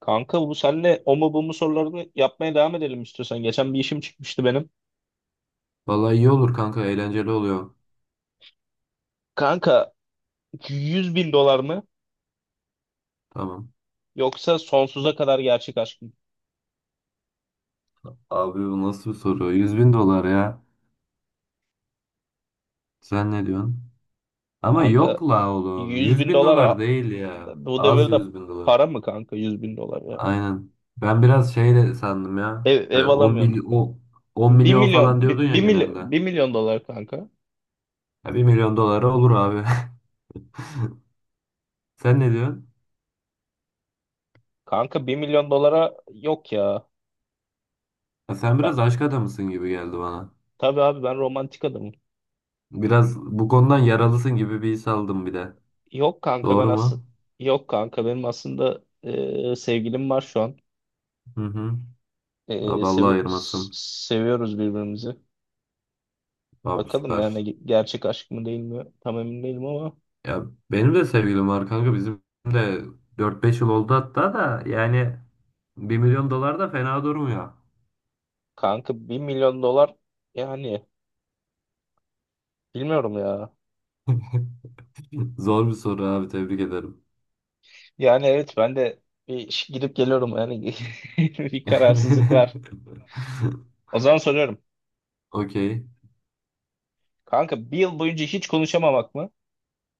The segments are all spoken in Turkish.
Kanka bu senle o mu bu mu sorularını yapmaya devam edelim istiyorsan. Geçen bir işim çıkmıştı benim. Vallahi iyi olur kanka eğlenceli oluyor. Kanka 100 bin dolar mı Tamam. yoksa sonsuza kadar gerçek aşk mı? Abi bu nasıl bir soru? Yüz bin dolar ya. Sen ne diyorsun? Ama Kanka yok la oğlum. 100 Yüz bin bin dolar dolar değil ya. bu Az devirde 100 bin dolar. para mı kanka 100 bin dolar ya? Aynen. Ben biraz şey de sandım ya. Ev, E, ev 10 alamıyorsun. mily- o- 10 1 milyon falan milyon diyordun ya bir milyon genelde. bir milyon dolar kanka. Ya 1 milyon dolara olur abi. Sen ne diyorsun? Kanka 1 milyon dolara yok ya. Ya sen Ben, biraz aşk adamısın gibi geldi bana. tabii abi ben romantik adamım. Biraz bu konudan yaralısın gibi bir his aldım bir de. Yok kanka ben Doğru aslında mu? yok kanka benim aslında sevgilim var şu an. Hı hı. Abi Allah ayırmasın. Seviyoruz birbirimizi. Abi Bakalım yani süper. Gerçek aşk mı değil mi? Tam emin değilim ama Ya benim de sevgilim var kanka bizim de 4-5 yıl oldu hatta da yani bir milyon dolar da fena durmuyor. kanka 1 milyon dolar yani bilmiyorum ya. Zor bir soru abi tebrik ederim. Yani evet ben de gidip geliyorum yani bir kararsızlık var. O zaman soruyorum. Okey. Kanka bir yıl boyunca hiç konuşamamak mı?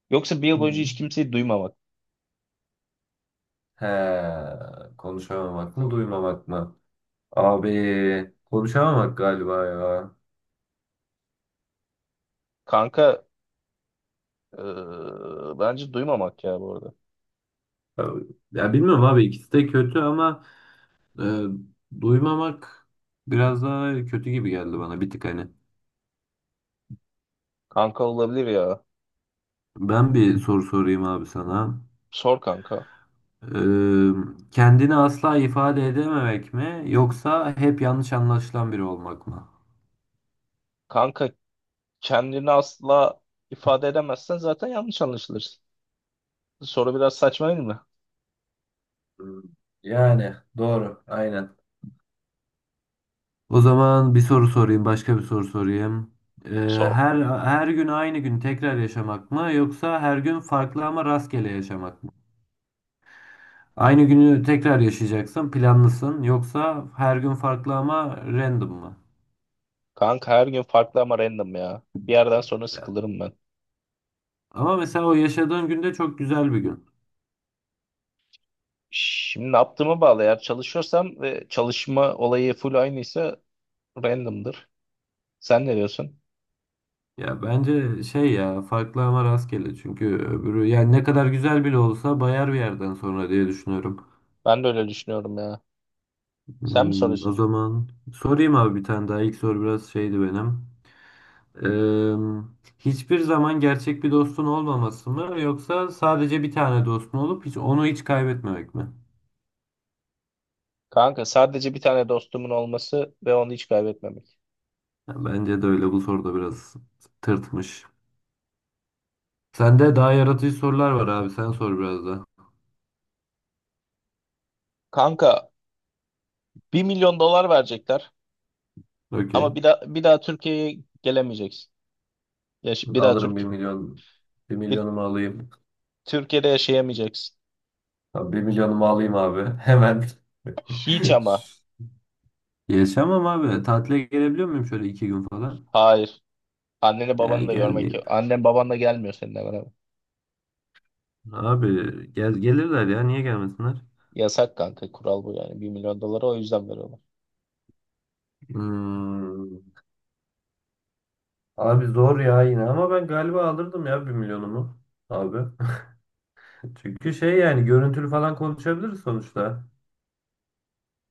Yoksa bir yıl boyunca Hı. hiç kimseyi duymamak? He, konuşamamak mı duymamak mı? Abi konuşamamak galiba ya. Kanka eee, bence duymamak ya bu arada. Ya bilmiyorum abi ikisi de kötü ama e, duymamak biraz daha kötü gibi geldi bana bir tık hani. Kanka olabilir ya. Ben bir soru sorayım abi sana. Sor kanka. Eee, kendini asla ifade edememek mi yoksa hep yanlış anlaşılan biri olmak mı? Kanka kendini asla ifade edemezsen zaten yanlış anlaşılırsın. Soru biraz saçma değil mi? Hmm. Yani doğru. Aynen. O zaman bir soru sorayım, başka bir soru sorayım. Eee, Sor her kanka. her gün aynı gün tekrar yaşamak mı yoksa her gün farklı ama rastgele yaşamak mı? Aynı günü tekrar yaşayacaksın, planlısın yoksa her gün farklı ama random mı? Kanka her gün farklı ama random ya. Bir yerden sonra sıkılırım ben. Ama mesela o yaşadığın günde çok güzel bir gün. Şimdi ne yaptığıma bağlı. Eğer çalışıyorsam ve çalışma olayı full aynıysa random'dır. Sen ne diyorsun? Ya bence şey ya farklı ama rastgele çünkü öbürü yani ne kadar güzel bile olsa bayar bir yerden sonra diye düşünüyorum. Ben de öyle düşünüyorum ya. Sen mi O soruyorsun? zaman sorayım abi bir tane daha ilk soru biraz şeydi benim. Hiçbir zaman gerçek bir dostun olmaması mı yoksa sadece bir tane dostun olup hiç onu hiç kaybetmemek mi? Kanka sadece bir tane dostumun olması ve onu hiç kaybetmemek. Ya bence de öyle bu soruda biraz tırtmış. Sende daha yaratıcı sorular var abi sen sor biraz da. Kanka 1 milyon dolar verecekler Okey. ama bir daha Türkiye'ye gelemeyeceksin. Ya, bir daha Alırım bir Türkiye. milyon. Bir milyonumu alayım. Türkiye'de yaşayamayacaksın. Tamam, bir milyonumu alayım abi. Hemen. Hiç ama. Yaşamam abi. Tatile gelebiliyor muyum şöyle iki gün falan? Hayır. Anneni Ya babanı da görmek gelmeyeyim. yok. Annen baban da gelmiyor seninle beraber. Abi gel gelirler ya. Niye gelmesinler? Yasak kanka, kural bu yani. 1 milyon doları o yüzden veriyorlar. Hmm. Abi zor ya yine ama ben galiba alırdım ya bir milyonumu abi. Çünkü şey yani görüntülü falan konuşabiliriz sonuçta.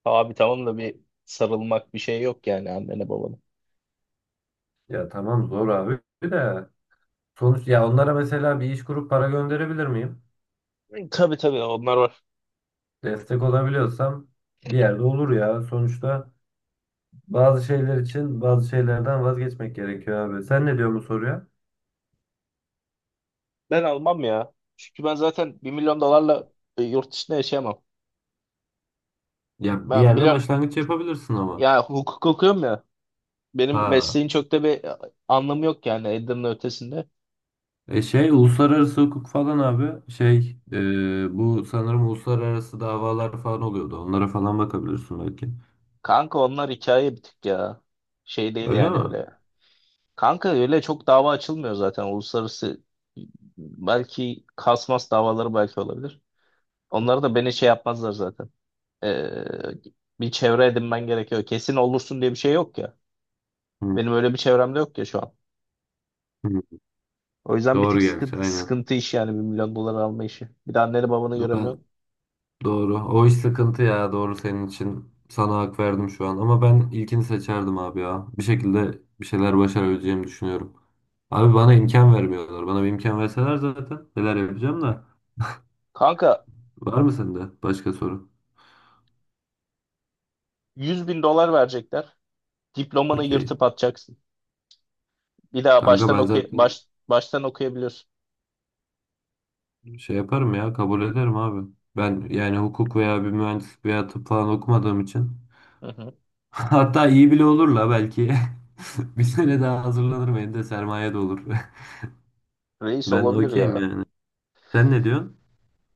Abi tamam da bir sarılmak bir şey yok yani annene babana. Ya tamam zor abi de sonuç ya onlara mesela bir iş kurup para gönderebilir miyim? Tabii tabii onlar var. Destek olabiliyorsam bir yerde olur ya sonuçta. Bazı şeyler için bazı şeylerden vazgeçmek gerekiyor abi. Sen ne diyorsun bu soruya? Ben almam ya. Çünkü ben zaten 1 milyon dolarla yurt dışında yaşayamam. Ya bir Ben yerde biliyorum başlangıç yapabilirsin ama. ya, hukuk okuyorum ya. Benim Ha. mesleğin çok da bir anlamı yok yani Edirne ötesinde. E şey uluslararası hukuk falan abi şey bu sanırım uluslararası davalar falan oluyordu. Onlara falan bakabilirsin belki. Kanka onlar hikaye bir tık ya. Şey değil Öyle yani mi? öyle. Kanka öyle çok dava açılmıyor zaten uluslararası, belki kasmas davaları belki olabilir. Onları da beni şey yapmazlar zaten. Ee, Bir çevre edinmen gerekiyor. Kesin olursun diye bir şey yok ya. Hı, Benim öyle bir çevremde yok ya şu an. hı. O yüzden bir tık Doğru geldi sıkıntı, aynen. sıkıntı iş yani 1 milyon dolar alma işi. Bir de anneni babanı Ben göremiyorsun. Doğru. O iş sıkıntı ya. Doğru senin için. Sana hak verdim şu an. Ama ben ilkini seçerdim abi ya. Bir şekilde bir şeyler başarabileceğimi düşünüyorum. Abi bana imkan vermiyorlar. Bana bir imkan verseler zaten neler yapacağım da. Kanka Var mı sende başka soru? 100 bin dolar verecekler. Diplomanı Okey. yırtıp atacaksın. Bir daha Kanka baştan ben zaten baştan okuyabiliyorsun. şey yaparım ya. Kabul ederim abi. Ben yani hukuk veya bir mühendislik veya tıp falan okumadığım için. Hı hı. Hatta iyi bile olur la belki. Bir sene daha hazırlanırım. Elimde sermaye de olur. Reis Ben olabilir okeyim ya. yani. Sen ne diyorsun?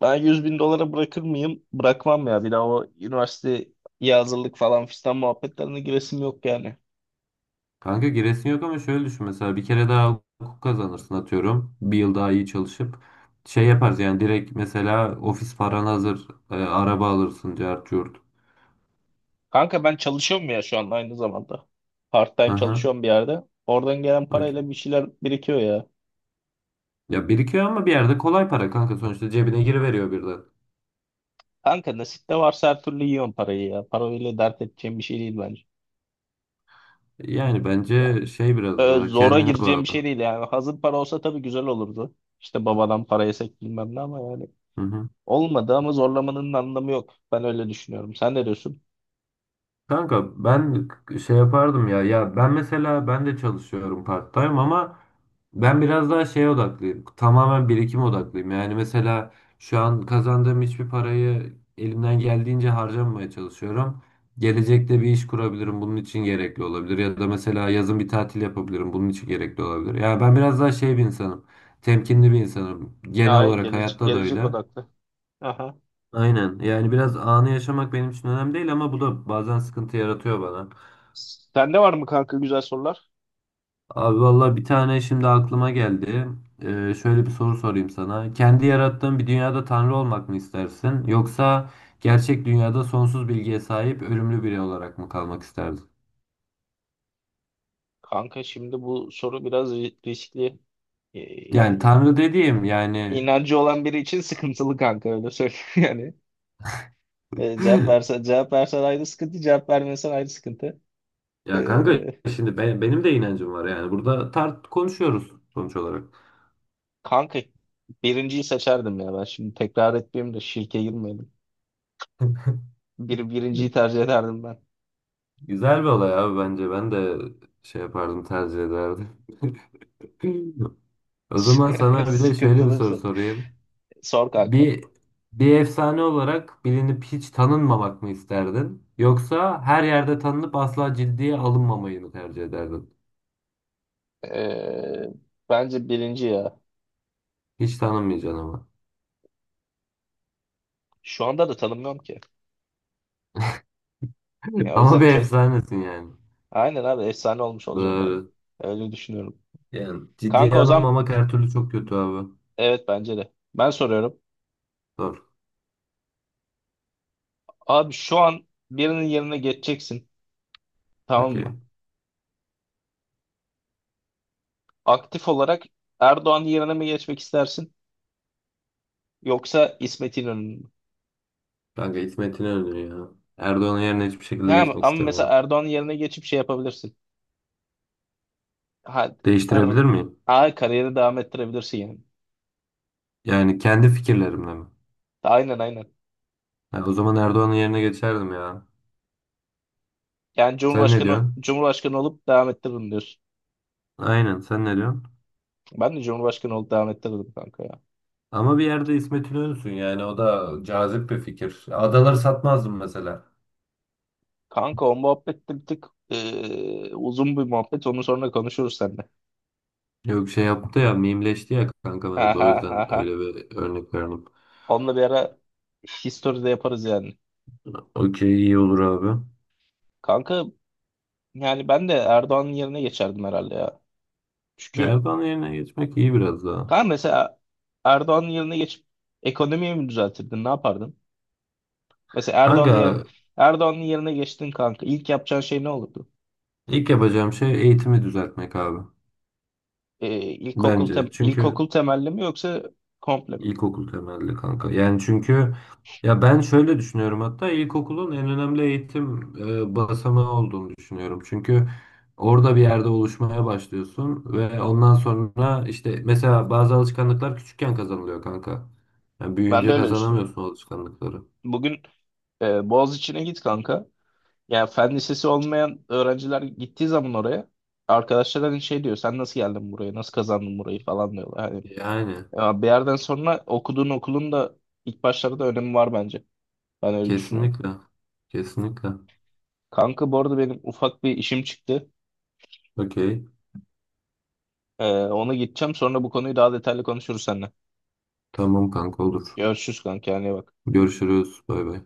Ben 100 bin dolara bırakır mıyım? Bırakmam ya. Bir daha o üniversiteye hazırlık falan fistan muhabbetlerine giresim yok yani. Kanka giresin yok ama şöyle düşün mesela bir kere daha hukuk kazanırsın atıyorum. Bir yıl daha iyi çalışıp şey yaparız yani direkt mesela ofis paran hazır araba alırsın cart curt. Kanka ben çalışıyorum ya şu an aynı zamanda. Part time Aha, çalışıyorum bir yerde. Oradan gelen parayla okey. bir şeyler birikiyor ya. Ya birikiyor ama bir yerde kolay para kanka sonuçta cebine giriveriyor birden. Kanka nasipte varsa her türlü yiyorum parayı ya. Parayla dert edeceğim bir şey değil bence. Yani Ya bence şey biraz böyle daha zora kendine gireceğim bir şey bağlı. değil yani. Hazır para olsa tabii güzel olurdu. İşte babadan para yesek bilmem ne ama yani. Hı hı. Olmadı ama zorlamanın anlamı yok. Ben öyle düşünüyorum. Sen ne diyorsun? Kanka ben şey yapardım ya. Ya ben mesela ben de çalışıyorum part-time ama ben biraz daha şeye odaklıyım. Tamamen birikim odaklıyım. Yani mesela şu an kazandığım hiçbir parayı elimden geldiğince harcamamaya çalışıyorum. Gelecekte bir iş kurabilirim. Bunun için gerekli olabilir. Ya da mesela yazın bir tatil yapabilirim. Bunun için gerekli olabilir. Yani ben biraz daha şey bir insanım. Temkinli bir insanım. Genel Hayır, olarak gelecek, hayatta da gelecek öyle. odaklı. Aha. Aynen. Yani biraz anı yaşamak benim için önemli değil ama bu da bazen sıkıntı yaratıyor bana. Sende var mı kanka güzel sorular? Abi valla bir tane şimdi aklıma geldi. Şöyle bir soru sorayım sana. Kendi yarattığın bir dünyada tanrı olmak mı istersin? Yoksa gerçek dünyada sonsuz bilgiye sahip ölümlü biri olarak mı kalmak isterdin? Kanka şimdi bu soru biraz riskli. Ee, Yani Yani tanrı dediğim yani... inancı olan biri için sıkıntılı kanka, öyle söyleyeyim yani. Ee, cevap versen cevap versen ayrı sıkıntı, cevap vermesen ayrı sıkıntı. Ya kanka Ee, şimdi benim de inancım var yani. Burada tart konuşuyoruz sonuç olarak. Kanka birinciyi seçerdim ya ben. Şimdi tekrar etmeyeyim de şirke girmeyelim. Birinciyi tercih ederdim ben. Güzel bir olay abi bence. Ben de şey yapardım tercih ederdim. O zaman sana bir de şöyle bir Sıkıntılı soru soru. sorayım. Sor kanka. Bir bir efsane olarak bilinip hiç tanınmamak mı isterdin? Yoksa her yerde tanınıp asla ciddiye alınmamayı mı tercih ederdin? Ee, Bence birinci ya. Hiç tanınmayacaksın ama. Şu anda da tanımıyorum ki. Ya o Ama yüzden bir çok. efsanesin yani. Aynen abi, efsane olmuş olacağım yani. Doğru. Öyle düşünüyorum. Yani Kanka ciddiye o zaman alınmamak her türlü çok kötü abi. evet bence de. Ben soruyorum. Doğru. Abi şu an birinin yerine geçeceksin. Tamam mı? Okey. Aktif olarak Erdoğan yerine mi geçmek istersin? Yoksa İsmet İnönü mü? Kanka İsmet İnönü ya. Erdoğan'ın yerine hiçbir şekilde Ha, geçmek ama mesela istemiyorum. Erdoğan'ın yerine geçip şey yapabilirsin. Ha, r- Değiştirebilir miyim? ha, kariyeri devam ettirebilirsin yani. Yani kendi fikirlerimle mi? Aynen aynen. Ha, o zaman Erdoğan'ın yerine geçerdim ya. Yani Sen ne Cumhurbaşkanı diyorsun? Cumhurbaşkanı olup devam ettiririm diyorsun. Aynen sen ne diyorsun? Ben de Cumhurbaşkanı olup devam ettirirdim kanka ya. Ama bir yerde İsmet İnönü'sün yani o da cazip bir fikir. Adaları satmazdım mesela. Kanka o muhabbet de bir tık uzun bir muhabbet. Onu sonra konuşuruz seninle. Yok şey yaptı ya mimleşti ya kanka Ha mevzu o ha ha yüzden ha. öyle bir örnek verdim. Onunla bir ara history de yaparız yani. Okey iyi olur abi. Kanka yani ben de Erdoğan'ın yerine geçerdim herhalde ya. Çünkü Erdoğan yerine geçmek iyi biraz daha. kanka mesela Erdoğan'ın yerine geçip ekonomiyi mi düzeltirdin? Ne yapardın? Mesela Erdoğan'ın yer, Kanka Erdoğan'ın yerine geçtin kanka. İlk yapacağın şey ne olurdu? ilk yapacağım şey eğitimi düzeltmek abi. Bence çünkü İlkokul temelli mi yoksa komple mi? İlkokul temelli kanka. Yani çünkü ya ben şöyle düşünüyorum hatta ilkokulun en önemli eğitim basamağı olduğunu düşünüyorum. Çünkü orada bir yerde oluşmaya başlıyorsun ve ondan sonra işte mesela bazı alışkanlıklar küçükken kazanılıyor kanka. Yani Ben de büyüyünce öyle düşünüyorum. kazanamıyorsun o alışkanlıkları. Bugün Boğaziçi'ne git kanka. Ya, fen lisesi olmayan öğrenciler gittiği zaman oraya, arkadaşlar hani şey diyor, sen nasıl geldin buraya, nasıl kazandın burayı falan diyorlar. Hani Yani ya, bir yerden sonra okuduğun okulun da ilk başlarda önemi var bence. Ben öyle düşünüyorum. kesinlikle. Kesinlikle. Kanka bu arada benim ufak bir işim çıktı. Okey. Ona gideceğim, sonra bu konuyu daha detaylı konuşuruz seninle. Tamam kanka olur. Görüşürüz kanka, kendine iyi bak. Görüşürüz. Bay bay.